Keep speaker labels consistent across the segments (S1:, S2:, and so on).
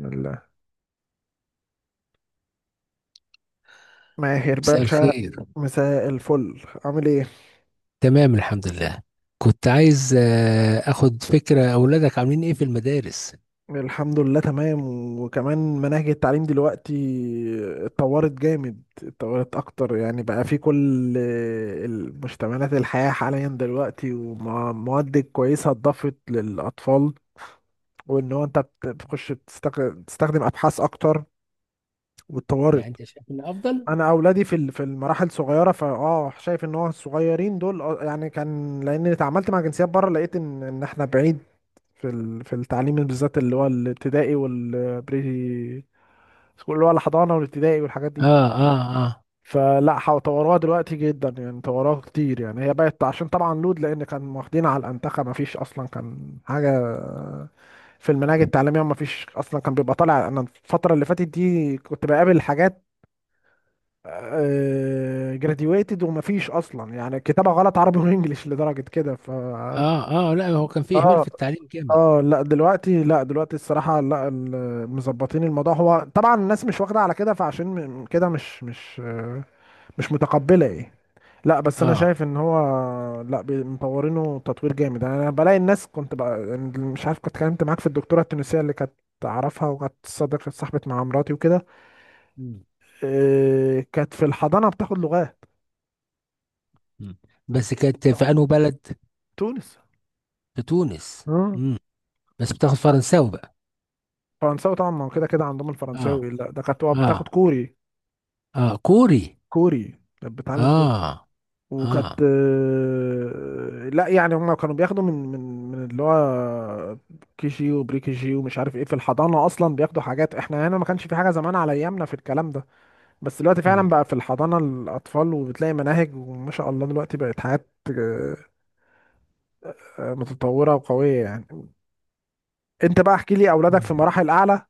S1: الله. ماهر
S2: مساء
S1: باشا.
S2: الخير.
S1: مساء الفل، عامل ايه؟
S2: تمام الحمد لله. كنت عايز اخد فكرة اولادك عاملين ايه في المدارس.
S1: الحمد لله تمام. وكمان مناهج التعليم دلوقتي اتطورت جامد، اتطورت اكتر، يعني بقى في كل المشتملات الحياة حاليا دلوقتي، ومواد كويسة اتضافت للاطفال. وان هو انت بتخش بتستخدم ابحاث اكتر
S2: يعني
S1: واتطورت.
S2: انت شايف ان افضل؟
S1: انا اولادي في في المراحل صغيره، فاه شايف ان هو الصغيرين دول، يعني كان، لان اتعاملت مع جنسيات بره لقيت ان احنا بعيد في في التعليم بالذات، اللي هو الابتدائي والبري سكول، اللي هو الحضانه والابتدائي والحاجات دي.
S2: اه. اه. اه.
S1: فلا طوروها دلوقتي جدا، يعني طوروها كتير، يعني هي بقت عشان طبعا لود، لان كان واخدين على الانتخه، ما فيش اصلا كان حاجه في المناهج التعليميه، ما فيش اصلا كان بيبقى طالع. انا الفتره اللي فاتت دي كنت بقابل حاجات جراديويتد، ومفيش اصلا يعني كتابة غلط عربي وانجليش لدرجة كده، ف...
S2: اه. اه. لا، هو كان في اهمال
S1: اه،
S2: في التعليم جامد.
S1: اه، لا دلوقتي، لا دلوقتي الصراحة لا، مظبطين الموضوع. هو طبعا الناس مش واخدة على كده، فعشان كده، مش مش متقبلة ايه. لا بس انا
S2: اه.
S1: شايف ان هو... لا مطورينه تطوير جامد، يعني انا بلاقي الناس، كنت بقى يعني مش عارف، كنت اتكلمت معاك في الدكتورة التونسية اللي كانت اعرفها، وكانت صديقة صاحبة مع مراتي وكده.
S2: مم.
S1: كانت في الحضانة بتاخد لغات.
S2: مم. بس كانت في انه بلد؟
S1: تونس.
S2: في تونس.
S1: مم.
S2: مم. بس بتاخد فرنساوي بقى؟
S1: فرنساوي طبعا، ما هو كده كده عندهم
S2: اه.
S1: الفرنساوي، لا ده كانت
S2: اه.
S1: بتاخد كوري.
S2: اه كوري.
S1: كوري، كانت بتعلم كوري.
S2: اه.
S1: وكانت
S2: اه.
S1: لا يعني هم كانوا بياخدوا من من اللي هو كي جي وبري كي جي ومش عارف ايه، في الحضانه اصلا بياخدوا حاجات، احنا هنا ما كانش في حاجه زمان على ايامنا في الكلام ده. بس دلوقتي فعلا بقى في الحضانه الاطفال، وبتلاقي مناهج، وما شاء الله دلوقتي بقت حاجات متطوره وقويه يعني. انت بقى احكي لي، اولادك
S2: مم.
S1: في مراحل اعلى؟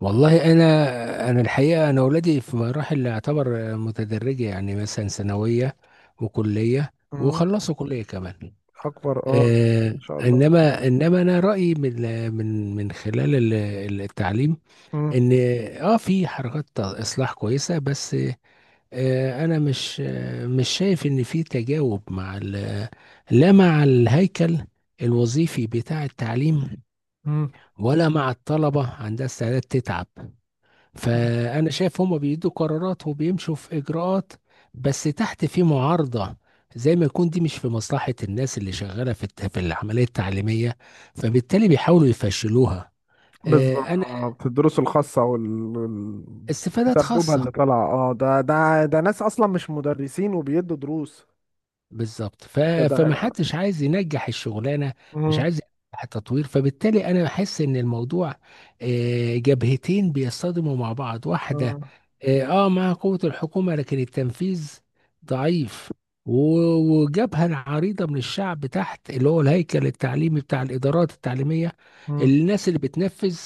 S2: والله انا الحقيقه، انا اولادي في مراحل اعتبر متدرجه، يعني مثلا ثانويه وكليه،
S1: مم.
S2: وخلصوا كليه كمان.
S1: اكبر، اه. ما شاء الله.
S2: انما انا رايي، من خلال التعليم
S1: مم.
S2: ان اه في حركات اصلاح كويسه، بس انا مش مش شايف ان في تجاوب مع لا، مع الهيكل الوظيفي بتاع التعليم، ولا مع الطلبه عندها استعداد تتعب.
S1: مم.
S2: فأنا شايف هما بيدوا قرارات وبيمشوا في إجراءات، بس تحت في معارضة، زي ما يكون دي مش في مصلحة الناس اللي شغالة في في العملية التعليمية، فبالتالي بيحاولوا يفشلوها. أنا
S1: بالظبط، الدروس الخاصة، وال... وال-
S2: استفادات
S1: سبوبها اللي
S2: خاصة.
S1: طالعة. اه، ده ناس أصلا مش مدرسين وبيدوا دروس.
S2: بالظبط.
S1: ده، ده.
S2: فما حدش عايز ينجح الشغلانه، مش
S1: مم.
S2: عايز ينجح التطوير، فبالتالي انا بحس ان الموضوع جبهتين بيصطدموا مع بعض، واحده
S1: مم.
S2: مع قوه الحكومه، لكن التنفيذ ضعيف، وجبهه عريضه من الشعب تحت، اللي هو الهيكل التعليمي بتاع الادارات التعليميه،
S1: مم.
S2: الناس اللي بتنفذ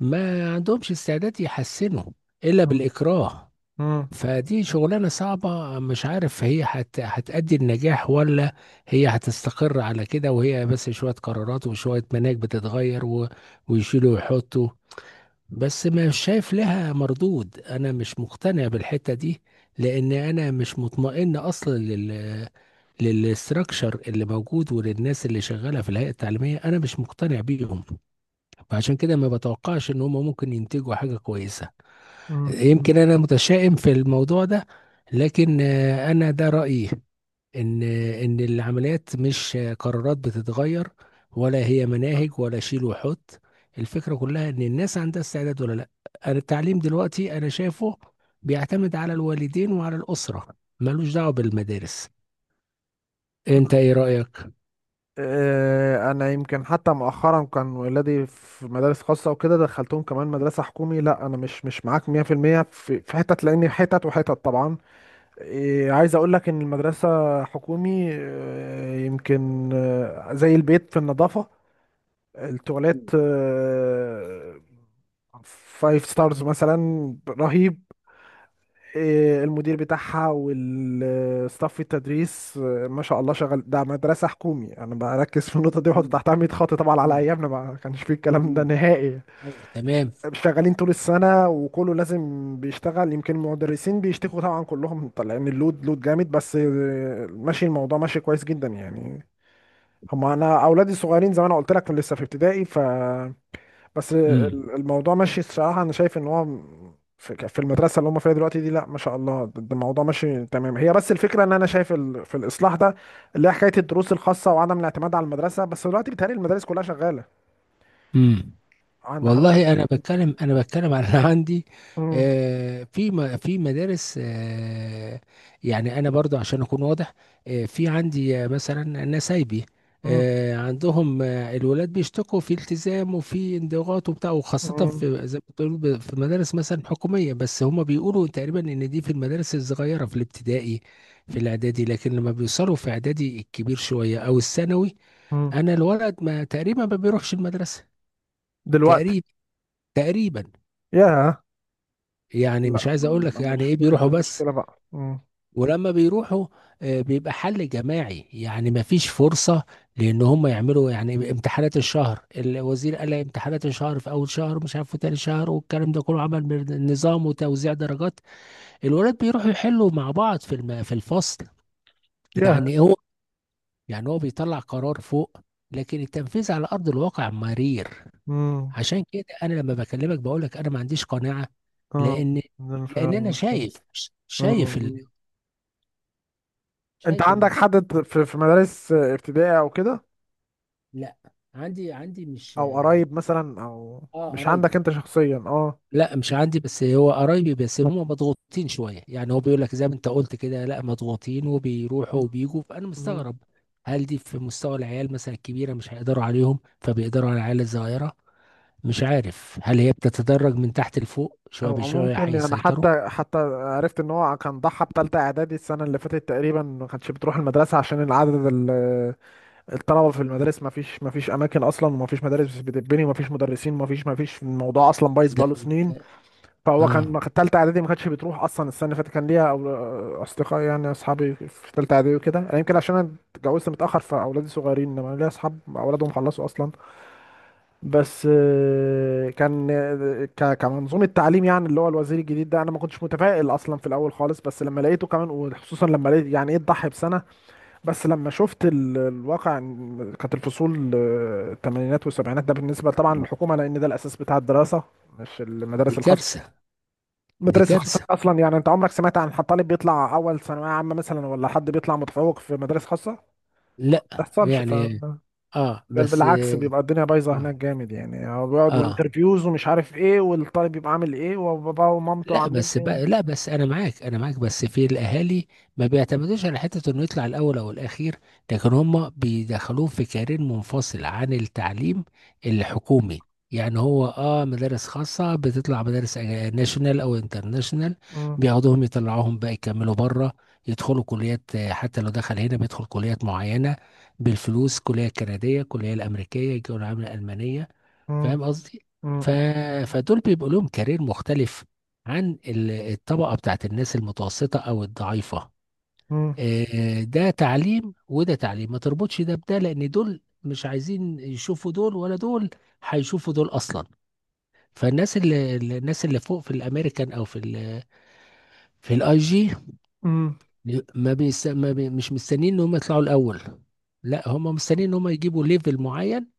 S2: ما عندهمش استعداد يحسنوا الا
S1: مم.
S2: بالاكراه.
S1: مم.
S2: فدي شغلانة صعبة، مش عارف هي هتأدي النجاح، ولا هي هتستقر على كده، وهي بس شوية قرارات وشوية مناهج بتتغير ويشيلوا ويحطوا. بس مش شايف لها مردود، أنا مش مقتنع بالحتة دي، لأن أنا مش مطمئن أصلا للستراكشر اللي موجود وللناس اللي شغالة في الهيئة التعليمية، أنا مش مقتنع بيهم. فعشان كده ما بتوقعش إن هم ممكن ينتجوا حاجة كويسة.
S1: مم.
S2: يمكن انا متشائم في الموضوع ده، لكن انا ده رايي. ان العمليات مش قرارات بتتغير، ولا هي مناهج، ولا شيل وحط. الفكره كلها ان الناس عندها استعداد ولا لا. أنا التعليم دلوقتي انا شايفه بيعتمد على الوالدين وعلى الاسره، ملوش دعوه بالمدارس. انت ايه رايك؟
S1: أنا يمكن حتى مؤخرا كان ولادي في مدارس خاصة وكده، دخلتهم كمان مدرسة حكومي. لا أنا مش معاك 100% في المية، في حتت لأن حتت وحتت طبعا. إيه، عايز اقول لك ان المدرسة حكومي، يمكن زي البيت في النظافة، التواليت 5 ستارز مثلا رهيب، المدير بتاعها والستاف التدريس ما شاء الله شغال. ده مدرسة حكومي، انا بركز في النقطة دي وأحط
S2: مم.
S1: تحتها 100 خط، طبعا على
S2: مم.
S1: ايامنا ما كانش فيه الكلام
S2: مم.
S1: ده نهائي.
S2: ايوه، تمام.
S1: شغالين طول السنة وكله لازم بيشتغل، يمكن المدرسين بيشتكوا طبعا، كلهم طالعين اللود، لود جامد، بس ماشي الموضوع، ماشي كويس جدا يعني. هما انا اولادي الصغيرين زي ما انا قلت لك لسه في ابتدائي، ف... بس
S2: امم.
S1: الموضوع ماشي الصراحة. أنا شايف إن هو في المدرسة اللي هم فيها دلوقتي دي، لا ما شاء الله، ده الموضوع ماشي تمام. هي بس الفكرة إن أنا شايف في الإصلاح ده، اللي هي حكاية الدروس الخاصة وعدم الاعتماد على المدرسة. بس دلوقتي بيتهيألي المدارس كلها شغالة
S2: امم.
S1: عند حضرتك.
S2: والله انا بتكلم عن اللي عندي.
S1: مم.
S2: في في مدارس، يعني انا برضو عشان اكون واضح، في عندي مثلا نسايبي،
S1: مم.
S2: عندهم الولاد بيشتكوا في التزام وفي انضغاط وبتاع، وخاصة
S1: مم.
S2: في، زي ما بتقول، في مدارس مثلا حكومية، بس هما بيقولوا تقريبا ان دي في المدارس الصغيرة في الابتدائي في الاعدادي، لكن لما بيوصلوا في اعدادي الكبير شوية او الثانوي،
S1: مم.
S2: انا الولد ما تقريبا ما بيروحش المدرسة.
S1: دلوقتي.
S2: تقريبا. تقريبا.
S1: ياه.
S2: يعني
S1: لا
S2: مش عايز اقول لك
S1: مش،
S2: يعني ايه،
S1: ما هي دي
S2: بيروحوا بس،
S1: المشكلة بقى. مم.
S2: ولما بيروحوا بيبقى حل جماعي، يعني ما فيش فرصة لان هم يعملوا، يعني امتحانات الشهر، الوزير قال لك امتحانات الشهر في اول شهر، مش عارف في تاني شهر، والكلام ده كله، عمل نظام وتوزيع درجات. الولاد بيروحوا يحلوا مع بعض في في الفصل.
S1: ياه.
S2: يعني هو يعني هو بيطلع قرار فوق، لكن التنفيذ على ارض الواقع مرير.
S1: مم.
S2: عشان كده انا لما بكلمك بقول لك انا ما عنديش قناعه،
S1: اه،
S2: لان
S1: ده فعلا
S2: لان انا
S1: المشكلة.
S2: شايف،
S1: مم.
S2: شايف
S1: مم. أنت
S2: شايف
S1: عندك
S2: الموضوع.
S1: حد في مدارس ابتدائي أو كده؟
S2: لا، عندي مش،
S1: او قرايب مثلا او...
S2: اه
S1: مش عندك
S2: قرايبي.
S1: انت شخصيا، اه.
S2: لا مش عندي، بس هو قرايبي، بس هم مضغوطين شويه، يعني هو بيقول لك زي ما انت قلت كده، لا مضغوطين وبيروحوا
S1: مم.
S2: وبيجوا، فانا
S1: مم.
S2: مستغرب. هل دي في مستوى العيال مثلا الكبيره مش هيقدروا عليهم فبيقدروا على العيال الصغيره؟ مش عارف هل هي بتتدرج من تحت لفوق شويه
S1: هو
S2: بشويه
S1: ممكن يعني،
S2: هيسيطروا.
S1: حتى عرفت ان هو كان ضحى بتالتة اعدادي السنة اللي فاتت تقريبا ما كانش بتروح المدرسة، عشان العدد الطلبة في المدارس، ما فيش اماكن اصلا، وما فيش مدارس بتتبني، وما فيش مدرسين، وما فيش ما فيش الموضوع اصلا بايظ
S2: ده،
S1: بقاله سنين. فهو
S2: اه.
S1: ما كان تالتة اعدادي، ما كانتش بتروح اصلا السنة اللي فاتت، كان ليها اصدقاء، يعني اصحابي في تالتة اعدادي وكده. أنا يمكن عشان انا اتجوزت متأخر فاولادي صغيرين، انما ليا اصحاب اولادهم خلصوا اصلا. بس كان كمنظومة تعليم يعني، اللي هو الوزير الجديد ده، انا ما كنتش متفائل اصلا في الاول خالص، بس لما لقيته كمان، وخصوصا لما لقيت يعني ايه تضحي بسنة. بس لما شفت الواقع إن كانت الفصول الثمانينات والسبعينات، ده بالنسبة طبعا للحكومة لان ده الاساس بتاع الدراسة، مش
S2: دي
S1: المدارس الخاصة.
S2: كارثه. دي
S1: المدارس الخاصة
S2: كارثة.
S1: اصلا، يعني انت عمرك سمعت عن حد طالب بيطلع اول ثانوية عامة مثلا، ولا حد بيطلع متفوق في مدارس خاصة؟ ما
S2: لا.
S1: تحصلش، ف...
S2: يعني اه
S1: بل
S2: بس.
S1: بالعكس، بيبقى الدنيا بايظه
S2: اه.
S1: هناك جامد، يعني هو بيقعد
S2: آه.
S1: وانترفيوز ومش عارف ايه، والطالب بيبقى عامل ايه وباباه ومامته
S2: لا
S1: عاملين
S2: بس
S1: ايه.
S2: بقى، لا بس انا معاك، انا معاك، بس في الاهالي ما بيعتمدوش على حته انه يطلع الاول او الاخير، لكن هم بيدخلوه في كارير منفصل عن التعليم الحكومي. يعني هو مدارس خاصه بتطلع مدارس ناشونال او انترناشونال،
S1: مم،
S2: بياخدوهم يطلعوهم بقى يكملوا بره، يدخلوا كليات، حتى لو دخل هنا بيدخل كليات معينه بالفلوس، كليه كنديه، كليه الامريكيه، كليه الالمانيه.
S1: مم،
S2: فاهم قصدي؟
S1: مم،
S2: ف...
S1: مم،
S2: فدول بيبقوا لهم كارير مختلف عن الطبقة بتاعت الناس المتوسطة أو الضعيفة. ده تعليم وده تعليم، ما تربطش ده بده، لأن دول مش عايزين يشوفوا دول، ولا دول هيشوفوا دول أصلا. فالناس اللي الناس اللي فوق في الأمريكان أو في في الاي جي،
S1: مم،
S2: ما, بيس... ما بي... مش مستنيين إن هم يطلعوا الأول، لا هم مستنيين إن هم يجيبوا ليفل معين،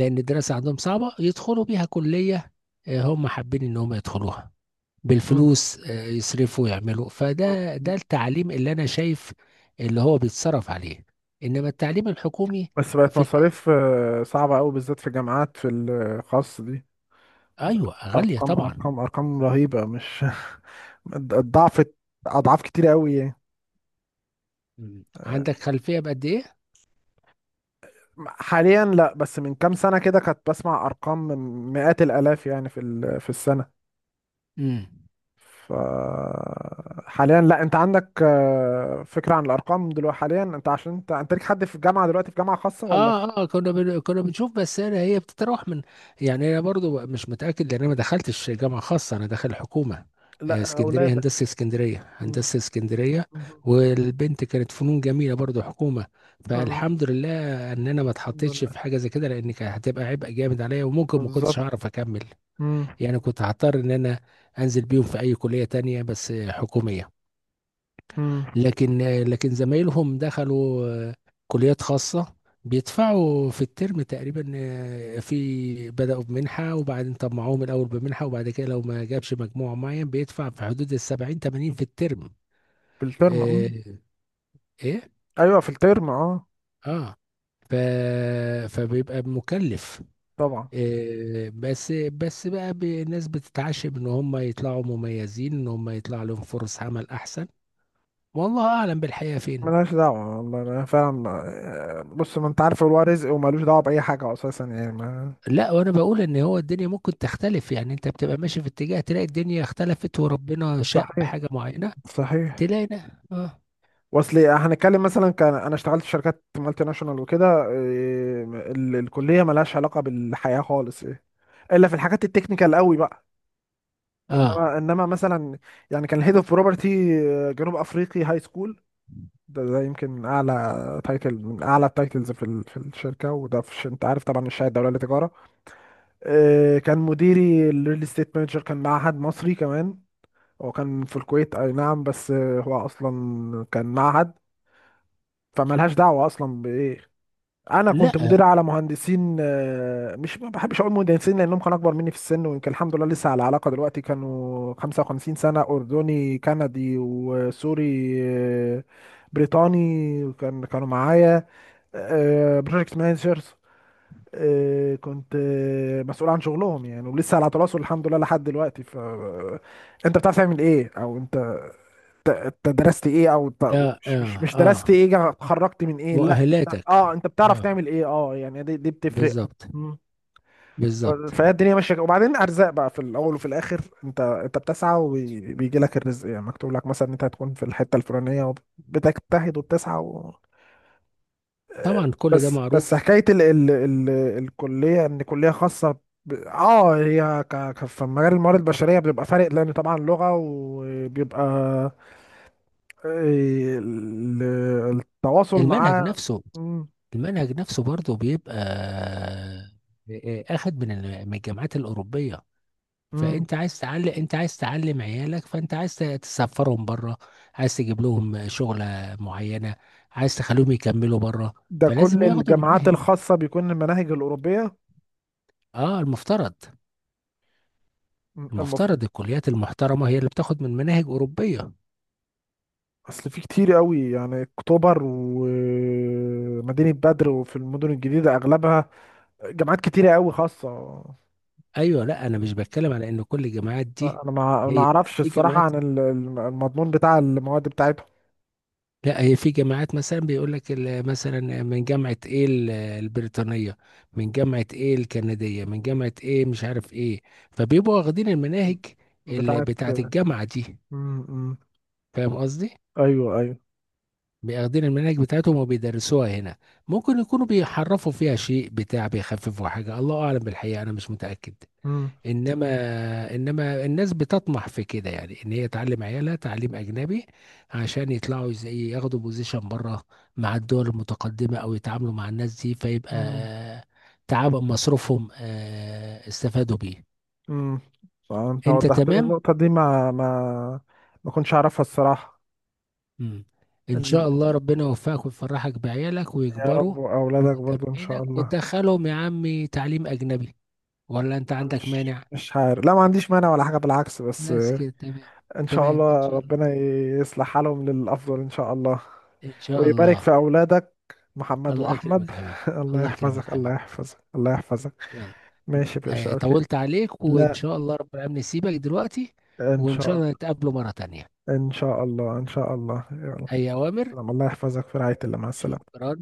S2: لان الدراسه عندهم صعبه يدخلوا بيها كليه، هم حابين ان هم يدخلوها
S1: مم،
S2: بالفلوس، يصرفوا يعملوا، فده
S1: مم.
S2: ده التعليم اللي انا شايف، اللي هو بيتصرف عليه. انما التعليم الحكومي
S1: بس بقت
S2: في الآ-
S1: مصاريف صعبه قوي بالذات في جامعات في الخاص دي،
S2: ايوه، غاليه
S1: ارقام،
S2: طبعا.
S1: ارقام، ارقام رهيبه، مش الضعف، اضعاف كتير قوي يعني.
S2: مم.
S1: آه،
S2: عندك خلفيه بقد ايه؟
S1: حاليا لا، بس من كام سنه كده كنت بسمع ارقام مئات الالاف يعني في في السنه.
S2: مم.
S1: ف... حاليا لا، انت عندك فكرة عن الارقام دلوقتي حاليا؟ انت عشان انت ليك حد في الجامعة دلوقتي في جامعة خاصة ولا في...
S2: اه. اه كنا بنشوف، بس انا هي بتتراوح من، يعني انا برضو مش متاكد لان انا ما دخلتش جامعه خاصه، انا داخل حكومه.
S1: لا،
S2: اسكندريه
S1: اولادك.
S2: هندسه، اسكندريه
S1: مم.
S2: هندسه، اسكندريه.
S1: مم.
S2: والبنت كانت فنون جميله برضو حكومه.
S1: اه.
S2: فالحمد لله ان انا ما
S1: الحمد
S2: اتحطيتش في
S1: لله.
S2: حاجه زي كده، لان كانت هتبقى عبء جامد عليا، وممكن ما كنتش
S1: بالظبط.
S2: هعرف اكمل.
S1: مم.
S2: يعني كنت هضطر ان انا انزل بيهم في اي كليه تانية، بس حكوميه.
S1: مم.
S2: لكن زمايلهم دخلوا كليات خاصة، بيدفعوا في الترم تقريبا، في بدأوا بمنحة، وبعدين طمعوهم الأول بمنحة، وبعد كده لو ما جابش مجموع معين بيدفع في حدود 70 80 في الترم.
S1: في الترم،
S2: آه،
S1: مم.
S2: إيه؟
S1: ايوه، في الترم، اه.
S2: آه. ف... فبيبقى مكلف.
S1: طبعا.
S2: بس بقى، الناس بتتعشم ان هم يطلعوا مميزين، ان هم يطلع لهم فرص عمل احسن، والله اعلم بالحقيقة فين.
S1: ملهاش دعوة والله، أنا فعلا بص، ما انت عارف هو رزق وملوش دعوة بأي حاجة اساسا يعني، ما...
S2: لا، وانا بقول ان هو الدنيا ممكن تختلف، يعني انت بتبقى ماشي في اتجاه تلاقي الدنيا اختلفت وربنا شاء
S1: صحيح،
S2: بحاجة معينة،
S1: صحيح.
S2: تلاقي ده. اه.
S1: واصل إيه، هنتكلم مثلا كان انا اشتغلت في شركات مالتي ناشونال وكده. إيه، الكليه ملهاش علاقه بالحياه خالص، إيه. الا في الحاجات التكنيكال قوي بقى.
S2: اه.
S1: انما مثلا، يعني كان الهيد اوف بروبرتي جنوب افريقي هاي سكول، ده يمكن اعلى تايتل من اعلى التايتلز في في الشركه، وده في انت عارف طبعا الشهاده الدوليه للتجاره. إيه، كان مديري الريل استيت مانجر كان معهد مصري كمان، هو كان في الكويت، اي نعم، بس هو اصلا كان معهد. فملهاش دعوه اصلا بايه. انا كنت
S2: لا. اه.
S1: مدير على مهندسين مش، ما بحبش اقول مهندسين لانهم كانوا اكبر مني في السن، ويمكن الحمد لله لسه على علاقه دلوقتي، كانوا 55 سنه، اردني، كندي، وسوري آه، بريطاني، كانوا معايا بروجكت مانجرز. كنت مسؤول عن شغلهم يعني، ولسه على تواصل الحمد لله لحد دلوقتي. ف انت بتعرف تعمل ايه، او انت انت درست ايه، او
S2: اه.
S1: مش مش
S2: اه.
S1: مش درست
S2: آه.
S1: ايه، اتخرجت من ايه، لا.
S2: مؤهلاتك.
S1: اه، انت بتعرف
S2: اه،
S1: تعمل ايه، اه، يعني دي بتفرق.
S2: بالظبط.
S1: مم.
S2: بالظبط.
S1: فهي الدنيا ماشيه كده. وبعدين ارزاق بقى، في الاول وفي الاخر انت بتسعى وبيجي لك الرزق، يعني مكتوب لك مثلا انت هتكون في الحته الفلانيه، وبتجتهد وبتسعى.
S2: طبعا كل ده
S1: بس
S2: معروف.
S1: حكايه ال ال ال الكليه، ان كليه خاصه، اه هي في مجال الموارد البشريه بتبقى فارق، لان طبعا لغه وبيبقى آه، ال- التواصل
S2: المنهج
S1: معاه.
S2: نفسه.
S1: مم.
S2: المنهج نفسه برضه بيبقى آه، آه، آه، اخد من من الجامعات الأوروبية.
S1: مم.
S2: فانت عايز تعلم عيالك، فانت عايز تسفرهم بره، عايز تجيب لهم شغلة معينة، عايز تخليهم يكملوا بره،
S1: ده كل
S2: فلازم ياخدوا
S1: الجامعات
S2: المناهج دي.
S1: الخاصه بيكون المناهج الاوروبيه.
S2: اه، المفترض.
S1: مم. المف...
S2: المفترض الكليات المحترمة هي اللي بتاخد من مناهج أوروبية.
S1: اصل في كتير قوي يعني اكتوبر ومدينه بدر وفي المدن الجديده اغلبها، جامعات كتيره قوي خاصه.
S2: ايوه. لا، انا مش بتكلم على ان كل الجامعات دي،
S1: انا ما
S2: هي لا،
S1: اعرفش
S2: في
S1: الصراحه
S2: جامعات،
S1: عن المضمون بتاع المواد بتاعتهم.
S2: لا هي في جامعات مثلا بيقول لك مثلا من جامعة ايه البريطانية، من جامعة ايه الكندية، من جامعة ايه مش عارف ايه، فبيبقوا واخدين المناهج اللي
S1: بتاعت.
S2: بتاعة الجامعة دي.
S1: مم، مم.
S2: فاهم قصدي؟
S1: ايوه، ايوه.
S2: بياخدين المناهج بتاعتهم وبيدرسوها هنا، ممكن يكونوا بيحرفوا فيها شيء بتاع، بيخففوا حاجة، الله أعلم بالحقيقة، أنا مش متأكد.
S1: مم،
S2: انما انما الناس بتطمح في كده، يعني ان هي تعلم عيالها تعليم اجنبي عشان يطلعوا زي، ياخدوا بوزيشن بره مع الدول المتقدمه او يتعاملوا مع الناس دي، فيبقى
S1: مم،
S2: تعب مصروفهم استفادوا بيه.
S1: مم. انت
S2: انت
S1: وضحت لي
S2: تمام.
S1: النقطه دي، ما كنتش اعرفها الصراحه.
S2: مم. ان
S1: ال-
S2: شاء الله ربنا يوفقك ويفرحك بعيالك
S1: يا
S2: ويكبروا
S1: رب، واولادك
S2: قدام
S1: برضو ان شاء
S2: عينك،
S1: الله.
S2: وتدخلهم يا عمي تعليم اجنبي، ولا انت عندك
S1: مش
S2: مانع؟
S1: مش عارف، لا ما عنديش مانع ولا حاجه بالعكس، بس
S2: بس كده تمام.
S1: ان شاء
S2: تمام، ان
S1: الله
S2: شاء الله.
S1: ربنا يصلح حالهم للافضل ان شاء الله،
S2: ان شاء
S1: ويبارك في
S2: الله.
S1: اولادك محمد
S2: الله
S1: واحمد.
S2: يكرمك حبيبي.
S1: الله
S2: الله يكرمك
S1: يحفظك، الله
S2: حبيبي.
S1: يحفظك، الله يحفظك.
S2: يلا.
S1: ماشي يا باشا، اوكي.
S2: طولت عليك، وإن
S1: لا،
S2: شاء الله رب العالمين سيبك دلوقتي.
S1: ان
S2: وإن
S1: شاء
S2: شاء الله
S1: الله،
S2: نتقابله مرة تانية.
S1: ان شاء الله، ان شاء الله، يلا.
S2: أي أوامر.
S1: سلام، الله يحفظك، في رعاية الله، مع السلامة.
S2: شكرا.